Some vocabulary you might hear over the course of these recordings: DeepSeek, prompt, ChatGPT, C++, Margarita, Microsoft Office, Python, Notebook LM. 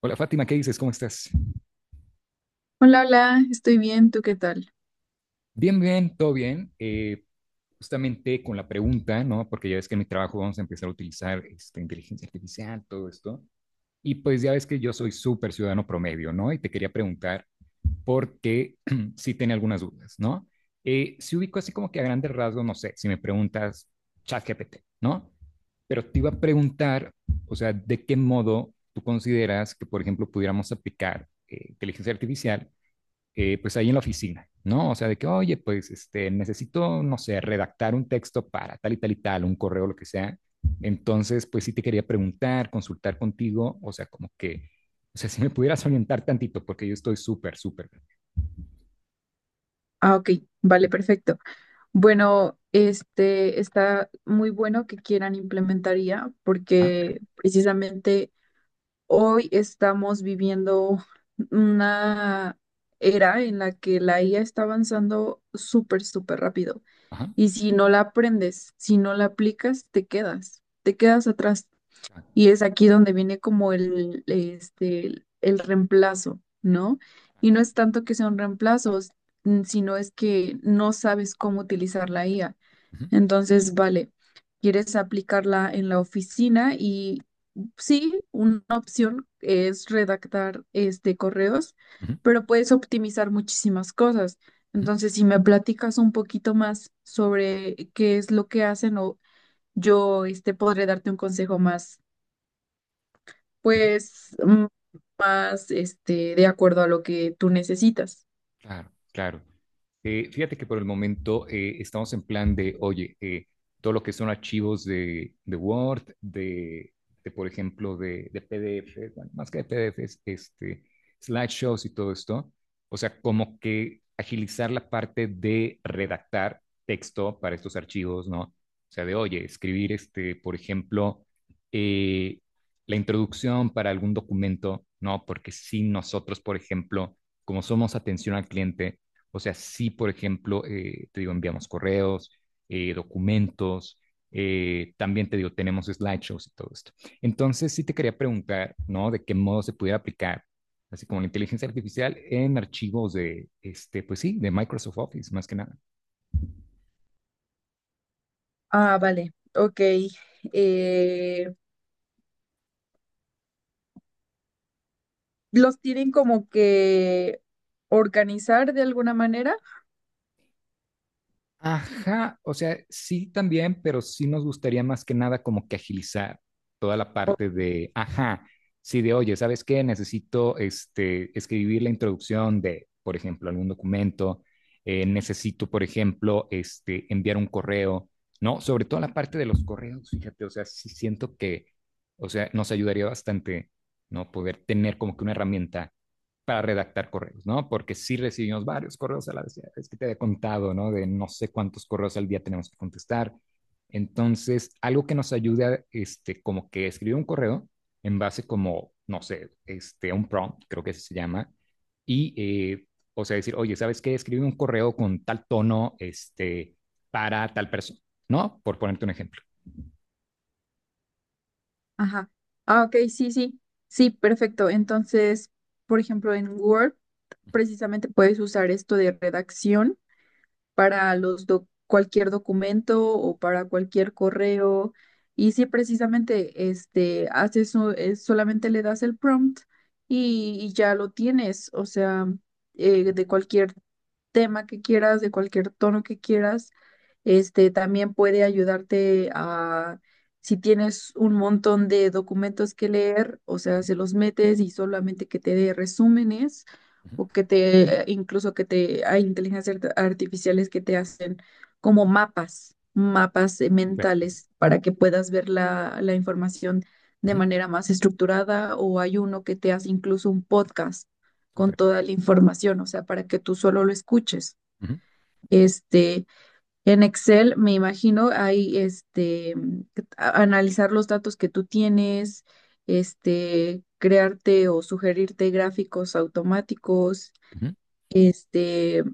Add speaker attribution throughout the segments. Speaker 1: Hola Fátima, ¿qué dices? ¿Cómo estás?
Speaker 2: Hola, hola, estoy bien, ¿tú qué tal?
Speaker 1: Bien, bien, todo bien. Justamente con la pregunta, ¿no? Porque ya ves que en mi trabajo vamos a empezar a utilizar inteligencia artificial, todo esto. Y pues ya ves que yo soy súper ciudadano promedio, ¿no? Y te quería preguntar porque sí tenía algunas dudas, ¿no? Si ubico así como que a grandes rasgos, no sé, si me preguntas ChatGPT, ¿no? Pero te iba a preguntar, o sea, ¿de qué modo tú consideras que, por ejemplo, pudiéramos aplicar inteligencia artificial? Pues ahí en la oficina, ¿no? O sea, de que, oye, pues necesito, no sé, redactar un texto para tal y tal y tal, un correo, lo que sea. Entonces, pues sí te quería preguntar, consultar contigo, o sea, como que, o sea, si me pudieras orientar tantito, porque yo estoy súper, súper.
Speaker 2: Ah, ok, vale, perfecto. Bueno, este está muy bueno que quieran implementar IA,
Speaker 1: Ajá,
Speaker 2: porque precisamente hoy estamos viviendo una era en la que la IA está avanzando súper, súper rápido.
Speaker 1: ajá,
Speaker 2: Y si no la aprendes, si no la aplicas, te quedas atrás.
Speaker 1: claro,
Speaker 2: Y es aquí donde viene como el reemplazo, ¿no? Y no es tanto que sea un reemplazo, sino es que no sabes cómo utilizar la IA.
Speaker 1: ujú,
Speaker 2: Entonces, vale, quieres aplicarla en la oficina y sí, una opción es redactar correos,
Speaker 1: ujú,
Speaker 2: pero puedes optimizar muchísimas cosas.
Speaker 1: ujú,
Speaker 2: Entonces, si me platicas un poquito más sobre qué es lo que hacen, o yo podré darte un consejo más,
Speaker 1: ujú,
Speaker 2: pues más de acuerdo a lo que tú necesitas.
Speaker 1: claro, claro. Fíjate que por el momento estamos en plan de, oye, todo lo que son archivos de Word, por ejemplo, de PDF, bueno, más que de PDFs, slideshows y todo esto. O sea, como que agilizar la parte de redactar texto para estos archivos, ¿no? O sea, de, oye, escribir, por ejemplo, eh, la introducción para algún documento, ¿no? Porque si nosotros, por ejemplo, como somos atención al cliente, o sea, sí, por ejemplo, te digo, enviamos correos, documentos, también te digo, tenemos slideshows y todo esto. Entonces, sí te quería preguntar, ¿no? De qué modo se pudiera aplicar, así como la inteligencia artificial, en archivos de, pues sí, de Microsoft Office, más que nada.
Speaker 2: Ah, vale, ok. Eh, ¿Los tienen como que organizar de alguna manera?
Speaker 1: Ajá, o sea, sí también, pero sí nos gustaría más que nada como que agilizar toda la parte
Speaker 2: O-
Speaker 1: de, ajá, sí de, oye, ¿sabes qué? Necesito escribir la introducción de, por ejemplo, algún documento, necesito, por ejemplo, enviar un correo, ¿no? Sobre todo la parte de los correos, fíjate, o sea, sí siento que, o sea, nos ayudaría bastante, ¿no? Poder tener como que una herramienta para redactar correos, ¿no? Porque sí recibimos varios correos a la vez, es que te había contado, ¿no? De no sé cuántos correos al día tenemos que contestar. Entonces, algo que nos ayuda, como que escribir un correo en base como, no sé, un prompt, creo que se llama, y, eh, o sea, decir, oye, ¿sabes qué? Escribe un correo con tal tono, para tal persona, ¿no? Por ponerte un ejemplo.
Speaker 2: Ajá. Ah, ok, sí, sí. Sí, perfecto. Entonces, por ejemplo, en Word precisamente puedes usar esto de redacción para cualquier documento o para cualquier correo. Y si precisamente solamente le das el prompt y ya lo tienes, o sea, de cualquier tema que quieras, de cualquier tono que quieras. Este también puede ayudarte a, si tienes un montón de documentos que leer, o
Speaker 1: Uh
Speaker 2: sea, se los metes y solamente que te dé resúmenes,
Speaker 1: -huh.
Speaker 2: o que te, incluso que te, hay inteligencias artificiales que te hacen como mapas
Speaker 1: Súper,
Speaker 2: mentales, para que puedas ver la información
Speaker 1: uh
Speaker 2: de
Speaker 1: -huh.
Speaker 2: manera más estructurada, o hay uno que te hace incluso un podcast con
Speaker 1: Súper,
Speaker 2: toda la información, o sea, para que tú solo lo escuches.
Speaker 1: uh
Speaker 2: Este, en Excel, me imagino, hay analizar los datos que tú tienes, crearte o sugerirte gráficos automáticos,
Speaker 1: -huh.
Speaker 2: este,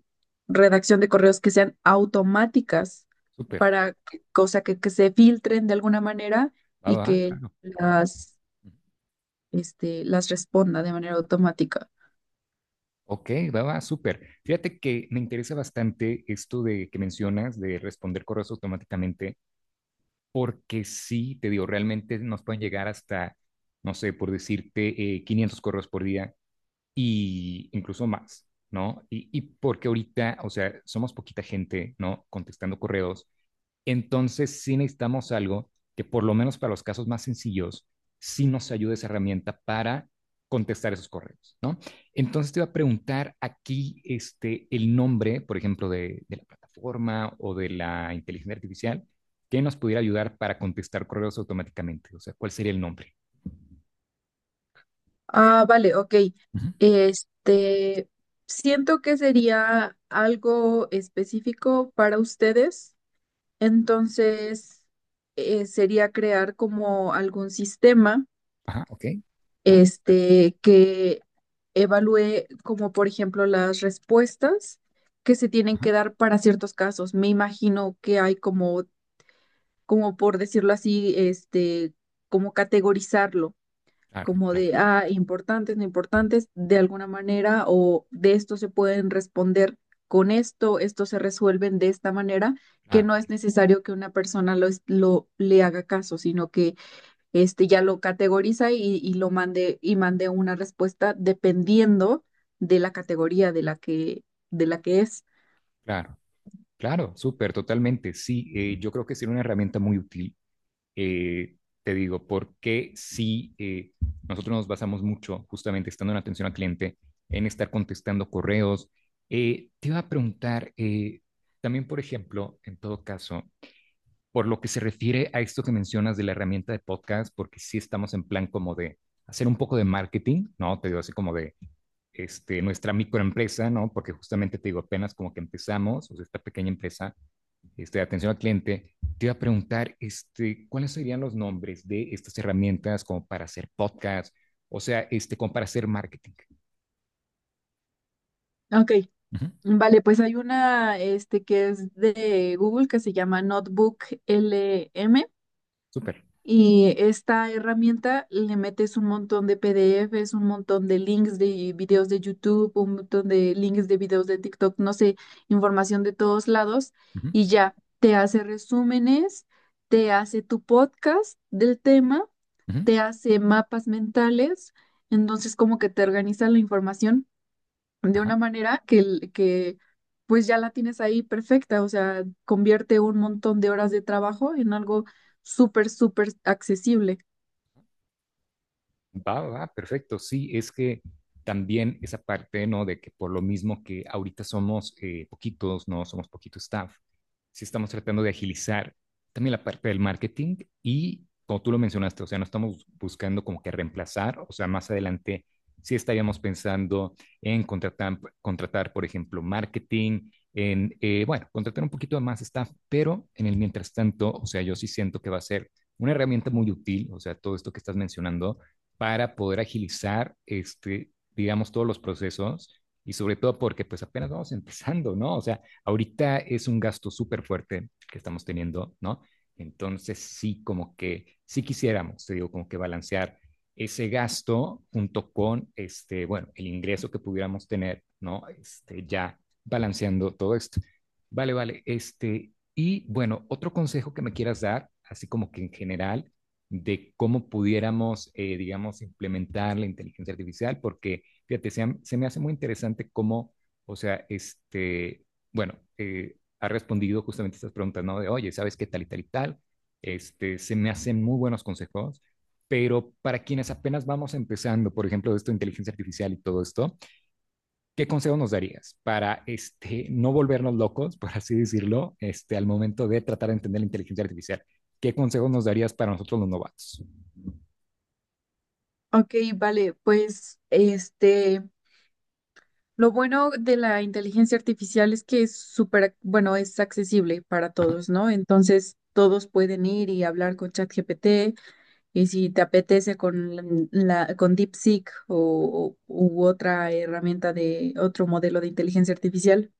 Speaker 2: redacción de correos que sean automáticas
Speaker 1: Súper,
Speaker 2: para que, cosa que se filtren de alguna manera,
Speaker 1: va,
Speaker 2: y
Speaker 1: va,
Speaker 2: que
Speaker 1: claro.
Speaker 2: las,
Speaker 1: Uh-huh.
Speaker 2: este, las responda de manera automática.
Speaker 1: Ok, va, va, súper. Fíjate que me interesa bastante esto de que mencionas de responder correos automáticamente, porque sí, te digo, realmente nos pueden llegar hasta, no sé, por decirte, 500 correos por día y incluso más, ¿no? Y porque ahorita, o sea, somos poquita gente, ¿no? Contestando correos, entonces, sí necesitamos algo que por lo menos para los casos más sencillos, sí nos ayude esa herramienta para contestar esos correos, ¿no? Entonces te iba a preguntar aquí el nombre, por ejemplo, de la plataforma o de la inteligencia artificial que nos pudiera ayudar para contestar correos automáticamente. O sea, ¿cuál sería el nombre?
Speaker 2: Ah, vale, ok.
Speaker 1: Uh -huh.
Speaker 2: Este, Siento que sería algo específico para ustedes, entonces sería crear como algún sistema,
Speaker 1: Ajá, ok. Va, super.
Speaker 2: que evalúe, como por ejemplo, las respuestas que se tienen
Speaker 1: Ajá,
Speaker 2: que dar para ciertos casos. Me imagino que hay como por decirlo así, como categorizarlo,
Speaker 1: claro,
Speaker 2: como
Speaker 1: claro,
Speaker 2: de importantes, no importantes, de alguna manera, o de esto se pueden responder con esto, esto se resuelven de esta manera, que
Speaker 1: claro,
Speaker 2: no es necesario que una persona lo le haga caso, sino que ya lo categoriza y lo mande, y mande una respuesta dependiendo de la categoría de la que es.
Speaker 1: claro, claro, súper, totalmente. Sí, yo creo que sería una herramienta muy útil, eh, te digo, porque si nosotros nos basamos mucho justamente estando en atención al cliente, en estar contestando correos, te iba a preguntar también, por ejemplo, en todo caso, por lo que se refiere a esto que mencionas de la herramienta de podcast, porque sí estamos en plan como de hacer un poco de marketing, ¿no? Te digo así como de nuestra microempresa, ¿no? Porque justamente te digo, apenas como que empezamos, o sea, esta pequeña empresa, de atención al cliente, te iba a preguntar cuáles serían los nombres de estas herramientas como para hacer podcast, o sea, como para hacer marketing.
Speaker 2: Ok.
Speaker 1: Ujú,
Speaker 2: Vale, pues hay una que es de Google, que se llama NotebookLM.
Speaker 1: súper.
Speaker 2: Y esta herramienta, le metes un montón de PDFs, un montón de links de videos de YouTube, un montón de links de videos de TikTok, no sé, información de todos lados,
Speaker 1: Ujú,
Speaker 2: y ya te hace resúmenes, te hace tu podcast del tema,
Speaker 1: ujú.
Speaker 2: te hace mapas mentales, entonces como que te organiza la información de
Speaker 1: Ajá.
Speaker 2: una manera que pues ya la tienes ahí perfecta, o sea, convierte un montón de horas de trabajo en algo súper, súper accesible.
Speaker 1: Va, va, perfecto. Sí, es que también esa parte, ¿no? De que por lo mismo que ahorita somos poquitos, ¿no? Somos poquito staff, sí estamos tratando de agilizar también la parte del marketing y, como tú lo mencionaste, o sea, no estamos buscando como que reemplazar, o sea, más adelante sí estaríamos pensando en contratar por ejemplo, marketing, en, bueno, contratar un poquito de más staff, pero en el mientras tanto, o sea, yo sí siento que va a ser una herramienta muy útil, o sea, todo esto que estás mencionando para poder agilizar, digamos, todos los procesos y sobre todo porque pues apenas vamos empezando, ¿no? O sea, ahorita es un gasto súper fuerte que estamos teniendo, ¿no? Entonces sí, como que sí quisiéramos, te digo, como que balancear ese gasto junto con, bueno, el ingreso que pudiéramos tener, ¿no? Ya balanceando todo esto. Vale, vale, y bueno, otro consejo que me quieras dar, así como que en general, de cómo pudiéramos, digamos, implementar la inteligencia artificial, porque, fíjate, se me hace muy interesante cómo, o sea, bueno, ha respondido justamente estas preguntas, ¿no? De, oye, ¿sabes qué tal y tal y tal? Se me hacen muy buenos consejos, pero para quienes apenas vamos empezando, por ejemplo, esto de inteligencia artificial y todo esto, ¿qué consejo nos darías para, no volvernos locos, por así decirlo, al momento de tratar de entender la inteligencia artificial? ¿Qué consejos nos darías para nosotros los novatos?
Speaker 2: Ok, vale, pues lo bueno de la inteligencia artificial es que es súper, bueno, es accesible para
Speaker 1: Ajá.
Speaker 2: todos, ¿no? Entonces, todos pueden ir y hablar con ChatGPT, y si te apetece, con con DeepSeek u otra herramienta de otro modelo de inteligencia artificial.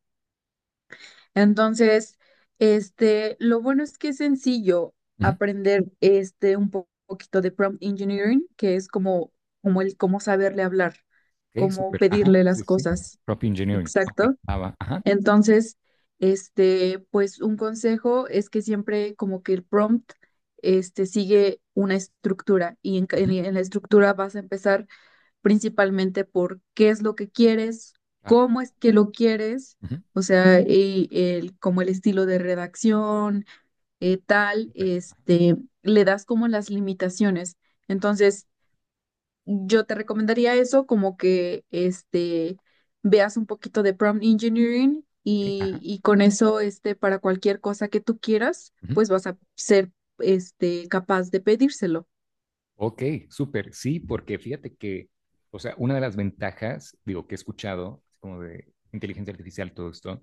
Speaker 2: Entonces, lo bueno es que es sencillo
Speaker 1: Ujú,
Speaker 2: aprender un poquito de prompt engineering, que es como el cómo saberle hablar,
Speaker 1: ok,
Speaker 2: cómo
Speaker 1: súper. Ajá.
Speaker 2: pedirle
Speaker 1: Sí,
Speaker 2: las
Speaker 1: sí.
Speaker 2: cosas.
Speaker 1: Prop engineering. Ok.
Speaker 2: Exacto.
Speaker 1: Ah, va. Ajá.
Speaker 2: Entonces, pues un consejo es que siempre, como que el prompt sigue una estructura, y
Speaker 1: Ujú,
Speaker 2: en la estructura vas a empezar principalmente por qué es lo que quieres,
Speaker 1: ah,
Speaker 2: cómo es que lo quieres,
Speaker 1: ujú,
Speaker 2: o sea, como el estilo de redacción, tal,
Speaker 1: súper.
Speaker 2: le das como las limitaciones. Entonces, yo te recomendaría eso, como que veas un poquito de prompt engineering,
Speaker 1: Ok.
Speaker 2: y,
Speaker 1: Ajá.
Speaker 2: y con eso, para cualquier cosa que tú quieras,
Speaker 1: Ujú.
Speaker 2: pues vas a ser, capaz de pedírselo.
Speaker 1: Ok, súper. Sí, porque fíjate que, o sea, una de las ventajas, digo, que he escuchado, así como de inteligencia artificial, todo esto,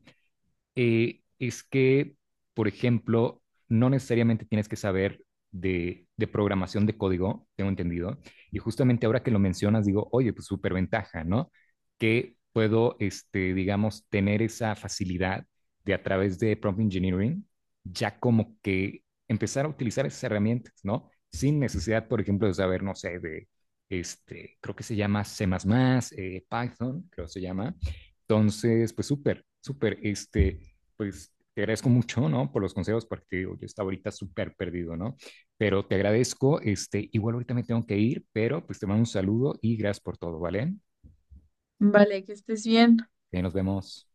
Speaker 1: es que, por ejemplo, no necesariamente tienes que saber de programación de código, tengo entendido, y justamente ahora que lo mencionas, digo, oye, pues súper ventaja, ¿no? Que puedo, digamos, tener esa facilidad de a través de prompt engineering, ya como que empezar a utilizar esas herramientas, ¿no? Sin necesidad, por ejemplo, de saber, no sé, de, creo que se llama C++, Python, creo que se llama. Entonces, pues súper, súper, pues te agradezco mucho, ¿no? Por los consejos, porque te digo, yo estaba ahorita súper perdido, ¿no? Pero te agradezco, igual ahorita me tengo que ir, pero pues te mando un saludo y gracias por todo, ¿vale?
Speaker 2: Vale, que estés bien.
Speaker 1: Que nos vemos.